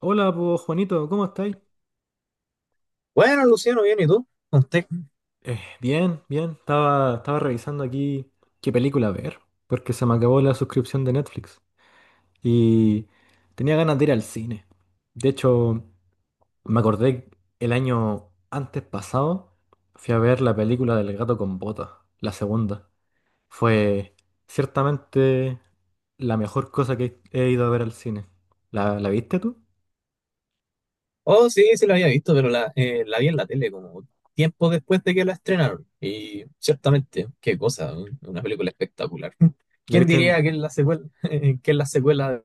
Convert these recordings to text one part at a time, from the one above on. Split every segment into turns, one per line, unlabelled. Hola, pues Juanito, ¿cómo estáis?
Bueno, Luciano, bien, ¿y tú? ¿Usted?
Bien, bien. Estaba revisando aquí qué película ver, porque se me acabó la suscripción de Netflix y tenía ganas de ir al cine. De hecho, me acordé el año antes pasado, fui a ver la película del gato con botas, la segunda. Fue ciertamente la mejor cosa que he ido a ver al cine. ¿La viste tú?
Oh, sí, sí la había visto, pero la vi en la tele como tiempo después de que la estrenaron. Y ciertamente, qué cosa, una película espectacular.
¿La
¿Quién
viste en...
diría que es la secuela, que es la secuela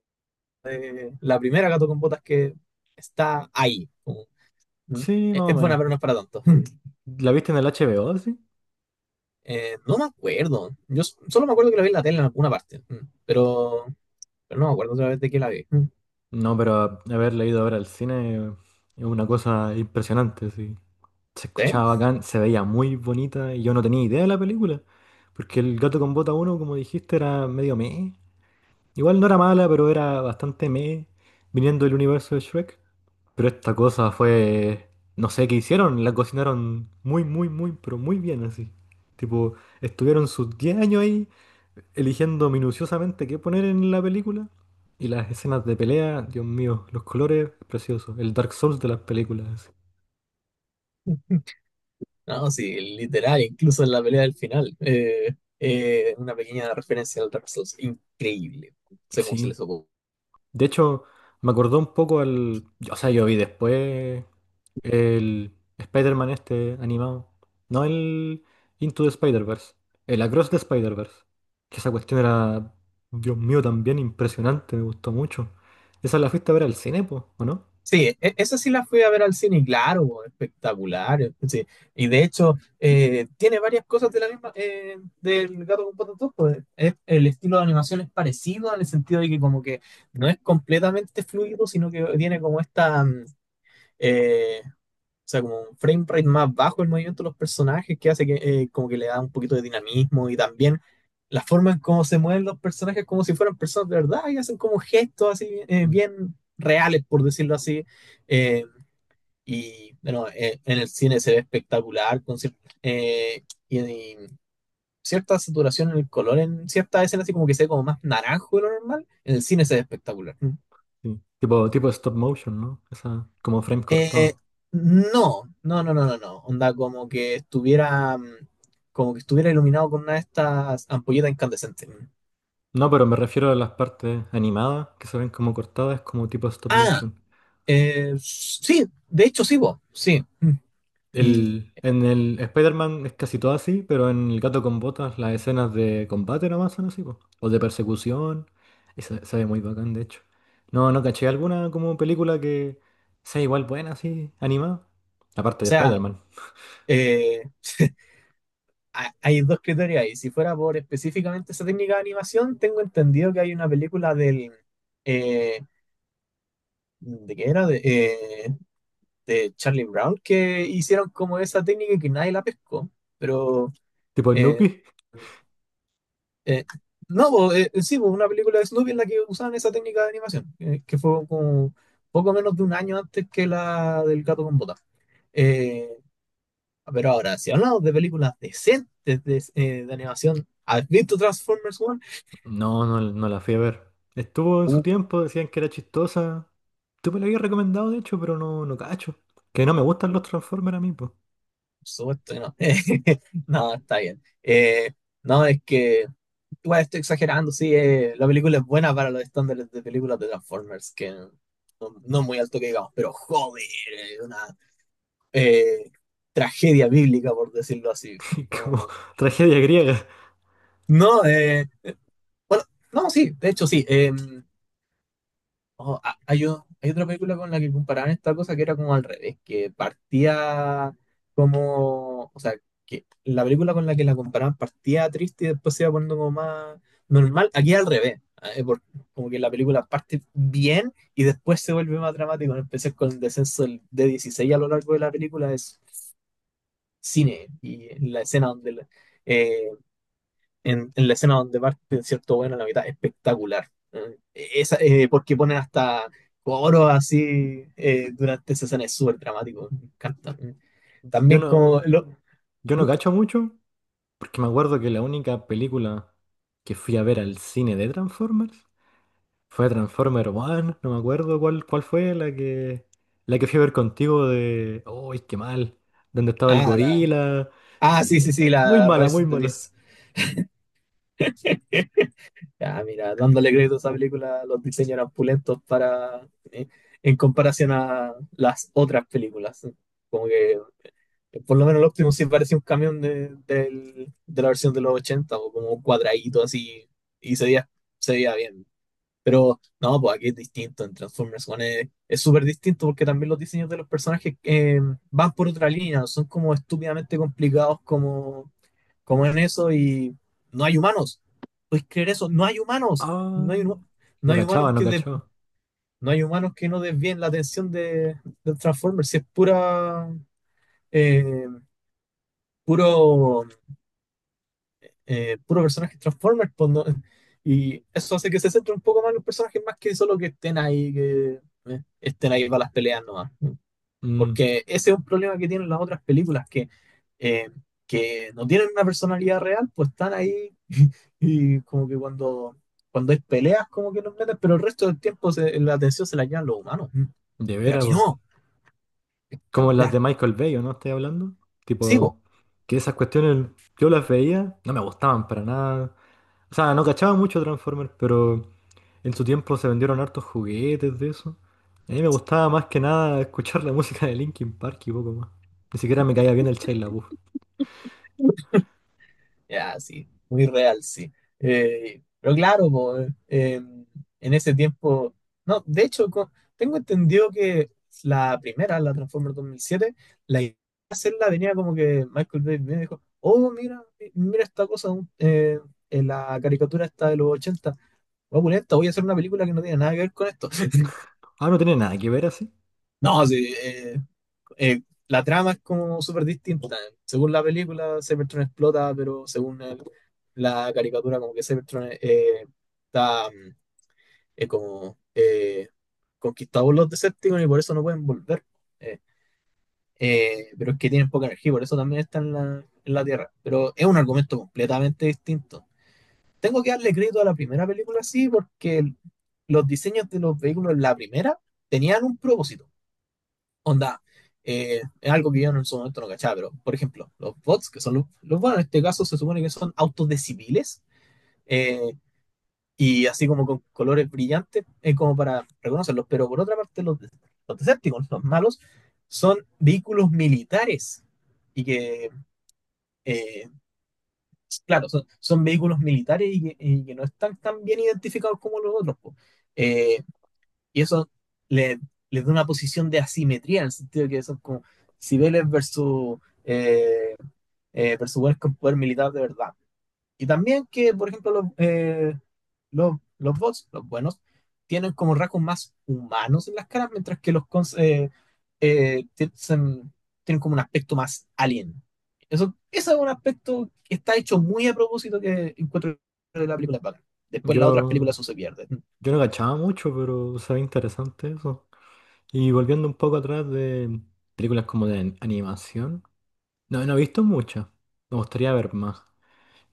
de la primera Gato con Botas que está ahí? Como, mm,
Sí,
Es
más o
es buena,
menos.
pero no es para tanto.
¿La viste en el HBO, sí?
No me acuerdo. Yo solo me acuerdo que la vi en la tele en alguna parte, pero no me acuerdo otra vez de que la vi. Mm.
No, pero haberla ido a ver al cine es una cosa impresionante, sí. Se
Sí.
escuchaba bacán, se veía muy bonita y yo no tenía idea de la película, porque El gato con bota uno, como dijiste, era medio meh. Igual no era mala, pero era bastante meh, viniendo del universo de Shrek. Pero esta cosa fue, no sé qué hicieron, la cocinaron muy, muy, muy, pero muy bien así. Tipo, estuvieron sus 10 años ahí eligiendo minuciosamente qué poner en la película. Y las escenas de pelea, Dios mío, los colores, preciosos. El Dark Souls de las películas.
No, sí, literal, incluso en la pelea del final. Una pequeña referencia al Dark Souls, increíble. No sé cómo se
Sí.
les ocurrió.
De hecho, me acordó un poco al... O sea, yo vi después el Spider-Man este animado. No el Into the Spider-Verse. El Across the Spider-Verse. Que esa cuestión era, Dios mío, también impresionante. Me gustó mucho. Esa la fuiste a ver al cine, po, ¿o no?
Sí, esa sí la fui a ver al cine, y claro, espectacular. Sí. Y de hecho, tiene varias cosas de la misma, del Gato con Botas 2, pues, el estilo de animación es parecido en el sentido de que como que no es completamente fluido, sino que tiene como esta, eh, O sea, como un frame rate más bajo el movimiento de los personajes que hace que como que le da un poquito de dinamismo y también la forma en cómo se mueven los personajes como si fueran personas de verdad y hacen como gestos así bien reales, por decirlo así. Eh, y bueno, en el cine se ve espectacular con eh, y, y cierta saturación en el color en ciertas escenas, así como que se ve como más naranjo de lo normal. En el cine se ve espectacular.
Sí. Tipo, tipo stop motion, ¿no? Esa, como frame
Eh,
cortado.
no, no, no, no, no, no. Onda como que estuviera, como que estuviera iluminado con una de estas ampolletas incandescentes.
No, pero me refiero a las partes animadas que se ven como cortadas, como tipo stop
Ah,
motion.
sí, de hecho sí, vos, sí. Mm. Y,
El, en el Spider-Man es casi todo así, pero en El Gato con Botas las escenas de combate nomás son así, po. O de persecución. Y se ve muy bacán, de hecho. No, no caché alguna como película que sea igual buena, así, animada. Aparte
o
de
sea,
Spider-Man.
eh, hay dos criterios ahí. Si fuera por específicamente esa técnica de animación, tengo entendido que hay una película del, eh, ¿de qué era? De Charlie Brown que hicieron como esa técnica y que nadie la pescó, pero...
Tipo
eh,
Snoopy.
Eh, no, bo, sí, bo, una película de Snoopy en la que usaban esa técnica de animación, que fue como poco menos de un año antes que la del gato con botas. Eh, pero ahora, si hablamos de películas decentes de, de animación, ¿has visto Transformers 1?
No, no la fui a ver. Estuvo en su
Uh,
tiempo, decían que era chistosa. Tú me lo habías recomendado, de hecho, pero no, no cacho. Que no me gustan
por
los Transformers a mí, pues.
supuesto que no. No, está bien. No, es que igual estoy exagerando, sí, la película es buena para los estándares de películas de Transformers, que no, no es muy alto que digamos, pero joder, es una eh, tragedia bíblica, por decirlo así.
Como tragedia griega.
No, bueno, no, sí, de hecho sí. Oh, hay otra película con la que comparaban esta cosa que era como al revés, que partía como, o sea, que la película con la que la comparaban partía triste y después se iba poniendo como más normal. Aquí al revés, eh, por- como que la película parte bien y después se vuelve más dramático. Empecé con el descenso de 16 a lo largo de la película, es cine y en la escena donde eh, en la escena donde parte cierto bueno a la mitad espectacular. Esa, porque ponen hasta coros así durante esa escena es súper dramático, me encanta
Yo
también como
no,
lo-
yo
¿Mm?
no cacho mucho, porque me acuerdo que la única película que fui a ver al cine de Transformers fue Transformer One, no me acuerdo cuál, cuál fue la que fui a ver contigo de... ¡Uy, qué mal! ¿Donde estaba el
Ah la
gorila?
ah sí,
Y-
sí, sí,
Muy
la
mala,
Rise
muy
of the
mala.
Beast. Ah, mira, dándole crédito a esa película, los diseños eran pulentos para en comparación a las otras películas, como que por lo menos el Optimus sí parecía un camión de la versión de los 80 o como un cuadradito así y se veía bien. Pero no, pues aquí es distinto. En Transformers One es súper distinto porque también los diseños de los personajes van por otra línea, no son como estúpidamente complicados como en eso y no hay humanos. ¿Puedes creer eso? No hay humanos.
Ah,
No hay, no
no
hay
cachaba,
humanos
no cachaba.
no hay humanos que no desvíen la atención de Transformers. Si es pura eh, puro puro personajes Transformers, pues, ¿no? Y eso hace que se centre un poco más en los personajes, más que solo que estén ahí para las peleas nomás.
Mm,
Porque ese es un problema que tienen las otras películas, eh, que no tienen una personalidad real, pues están ahí y como que cuando hay peleas, como que los meten, pero el resto del tiempo la atención se la llevan los humanos. Mm.
de
Pero
veras,
aquí
po.
no,
Como las de
espectacular.
Michael Bay, ¿o no estoy hablando?
Sí, po.
Tipo, que esas cuestiones yo las veía, no me gustaban para nada. O sea, no cachaba mucho Transformers, pero en su tiempo se vendieron hartos juguetes de eso. A mí me gustaba más que nada escuchar la música de Linkin Park y poco más. Ni siquiera me caía bien el Shia LaBeouf.
Ya, sí, muy real, sí. Pero claro, po, en ese tiempo, no, de hecho, tengo entendido que la primera, la Transformers 2007, la idea de hacerla venía como que Michael Bay me dijo, oh, mira, mira esta cosa, en la caricatura esta de los 80 voy a voy a hacer una película que no tiene nada que ver con esto.
Ah, no tiene nada que ver así.
No, sí, eh, la trama es como súper distinta. Según la película, Cybertron explota, pero según la caricatura, como que Cybertron está como conquistado por los Decepticons y por eso no pueden volver. Eh, pero es que tienen poca energía, por eso también están en la Tierra. Pero es un argumento completamente distinto. Tengo que darle crédito a la primera película, sí, porque los diseños de los vehículos en la primera tenían un propósito. Onda, es algo que yo en su momento no cachaba, pero por ejemplo, los bots, que son los bots en este caso se supone que son autos de civiles eh, y así como con colores brillantes, como para reconocerlos, pero por otra parte, los Decepticons, los malos, son vehículos militares y que, eh, claro, son vehículos militares y que no están tan bien identificados como los otros, po. Eh, y eso le, le da una posición de asimetría, en el sentido de que son como civiles eh, versus buenos con poder militar de verdad. Y también que, por ejemplo, los bots, los buenos, tienen como rasgos más humanos en las caras, mientras que los cons eh, tienen, tienen como un aspecto más alien. Eso, ese es un aspecto que está hecho muy a propósito que encuentro de la película es bacán. Después las otras
Yo,
películas eso se pierde.
yo no cachaba mucho, pero se ve interesante eso. Y volviendo un poco atrás de películas como de animación, no, no he visto muchas. Me gustaría ver más.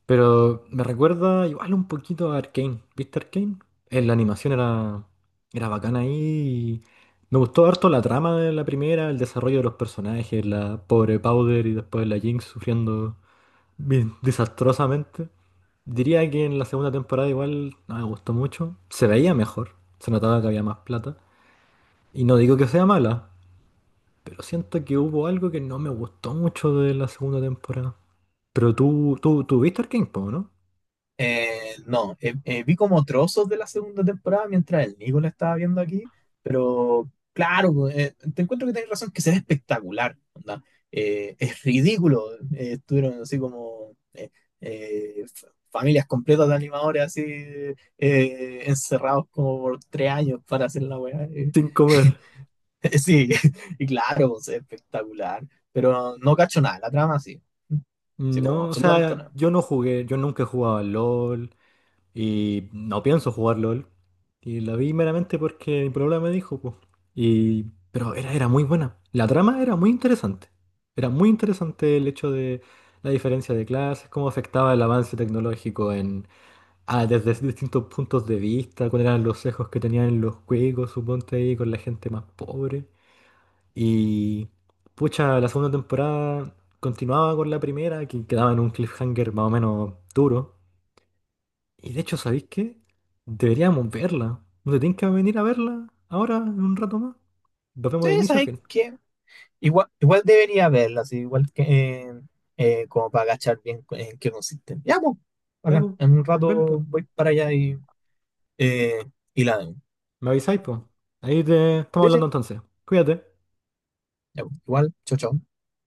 Pero me recuerda igual un poquito a Arcane. ¿Viste Arcane? La animación era, era bacana ahí. Y me gustó harto la trama de la primera, el desarrollo de los personajes, la pobre Powder y después la Jinx sufriendo bien desastrosamente. Diría que en la segunda temporada igual no me gustó mucho. Se veía mejor, se notaba que había más plata. Y no digo que sea mala, pero siento que hubo algo que no me gustó mucho de la segunda temporada. Pero tú viste Arcane, po, ¿no?
No, vi como trozos de la segunda temporada mientras el Nico la estaba viendo aquí, pero claro, te encuentro que tenés razón que se ve espectacular, onda. Es ridículo, estuvieron así como familias completas de animadores así encerrados como por 3 años para hacer la weá.
Sin comer.
Sí, y claro, pues, es espectacular, pero no cacho nada, la trama sí, sí como
No, o
absolutamente
sea,
nada.
yo no jugué, yo nunca he jugado al LOL y no pienso jugar LOL. Y la vi meramente porque mi problema me dijo, pues. Y, pero era, era muy buena. La trama era muy interesante. Era muy interesante el hecho de la diferencia de clases, cómo afectaba el avance tecnológico en, ah, desde distintos puntos de vista, cuáles eran los sesgos que tenían los juegos, suponte ahí, con la gente más pobre. Y pucha, la segunda temporada continuaba con la primera, que quedaba en un cliffhanger más o menos duro. Y de hecho, ¿sabéis qué? Deberíamos verla. ¿No te tienen que venir a verla ahora en un rato más? Nos vemos
Sí,
de inicio a
¿sabes
fin.
qué? Igual debería verla, así, igual que eh, como para agachar bien en qué consiste. Ya, pues,
Ya,
bacán.
po.
En un
Ven,
rato
po.
voy para allá eh, y la veo.
Me avisáis, po. Ahí te estamos
Sí, sí,
hablando entonces. Cuídate.
ya, pues, igual, chao, chao.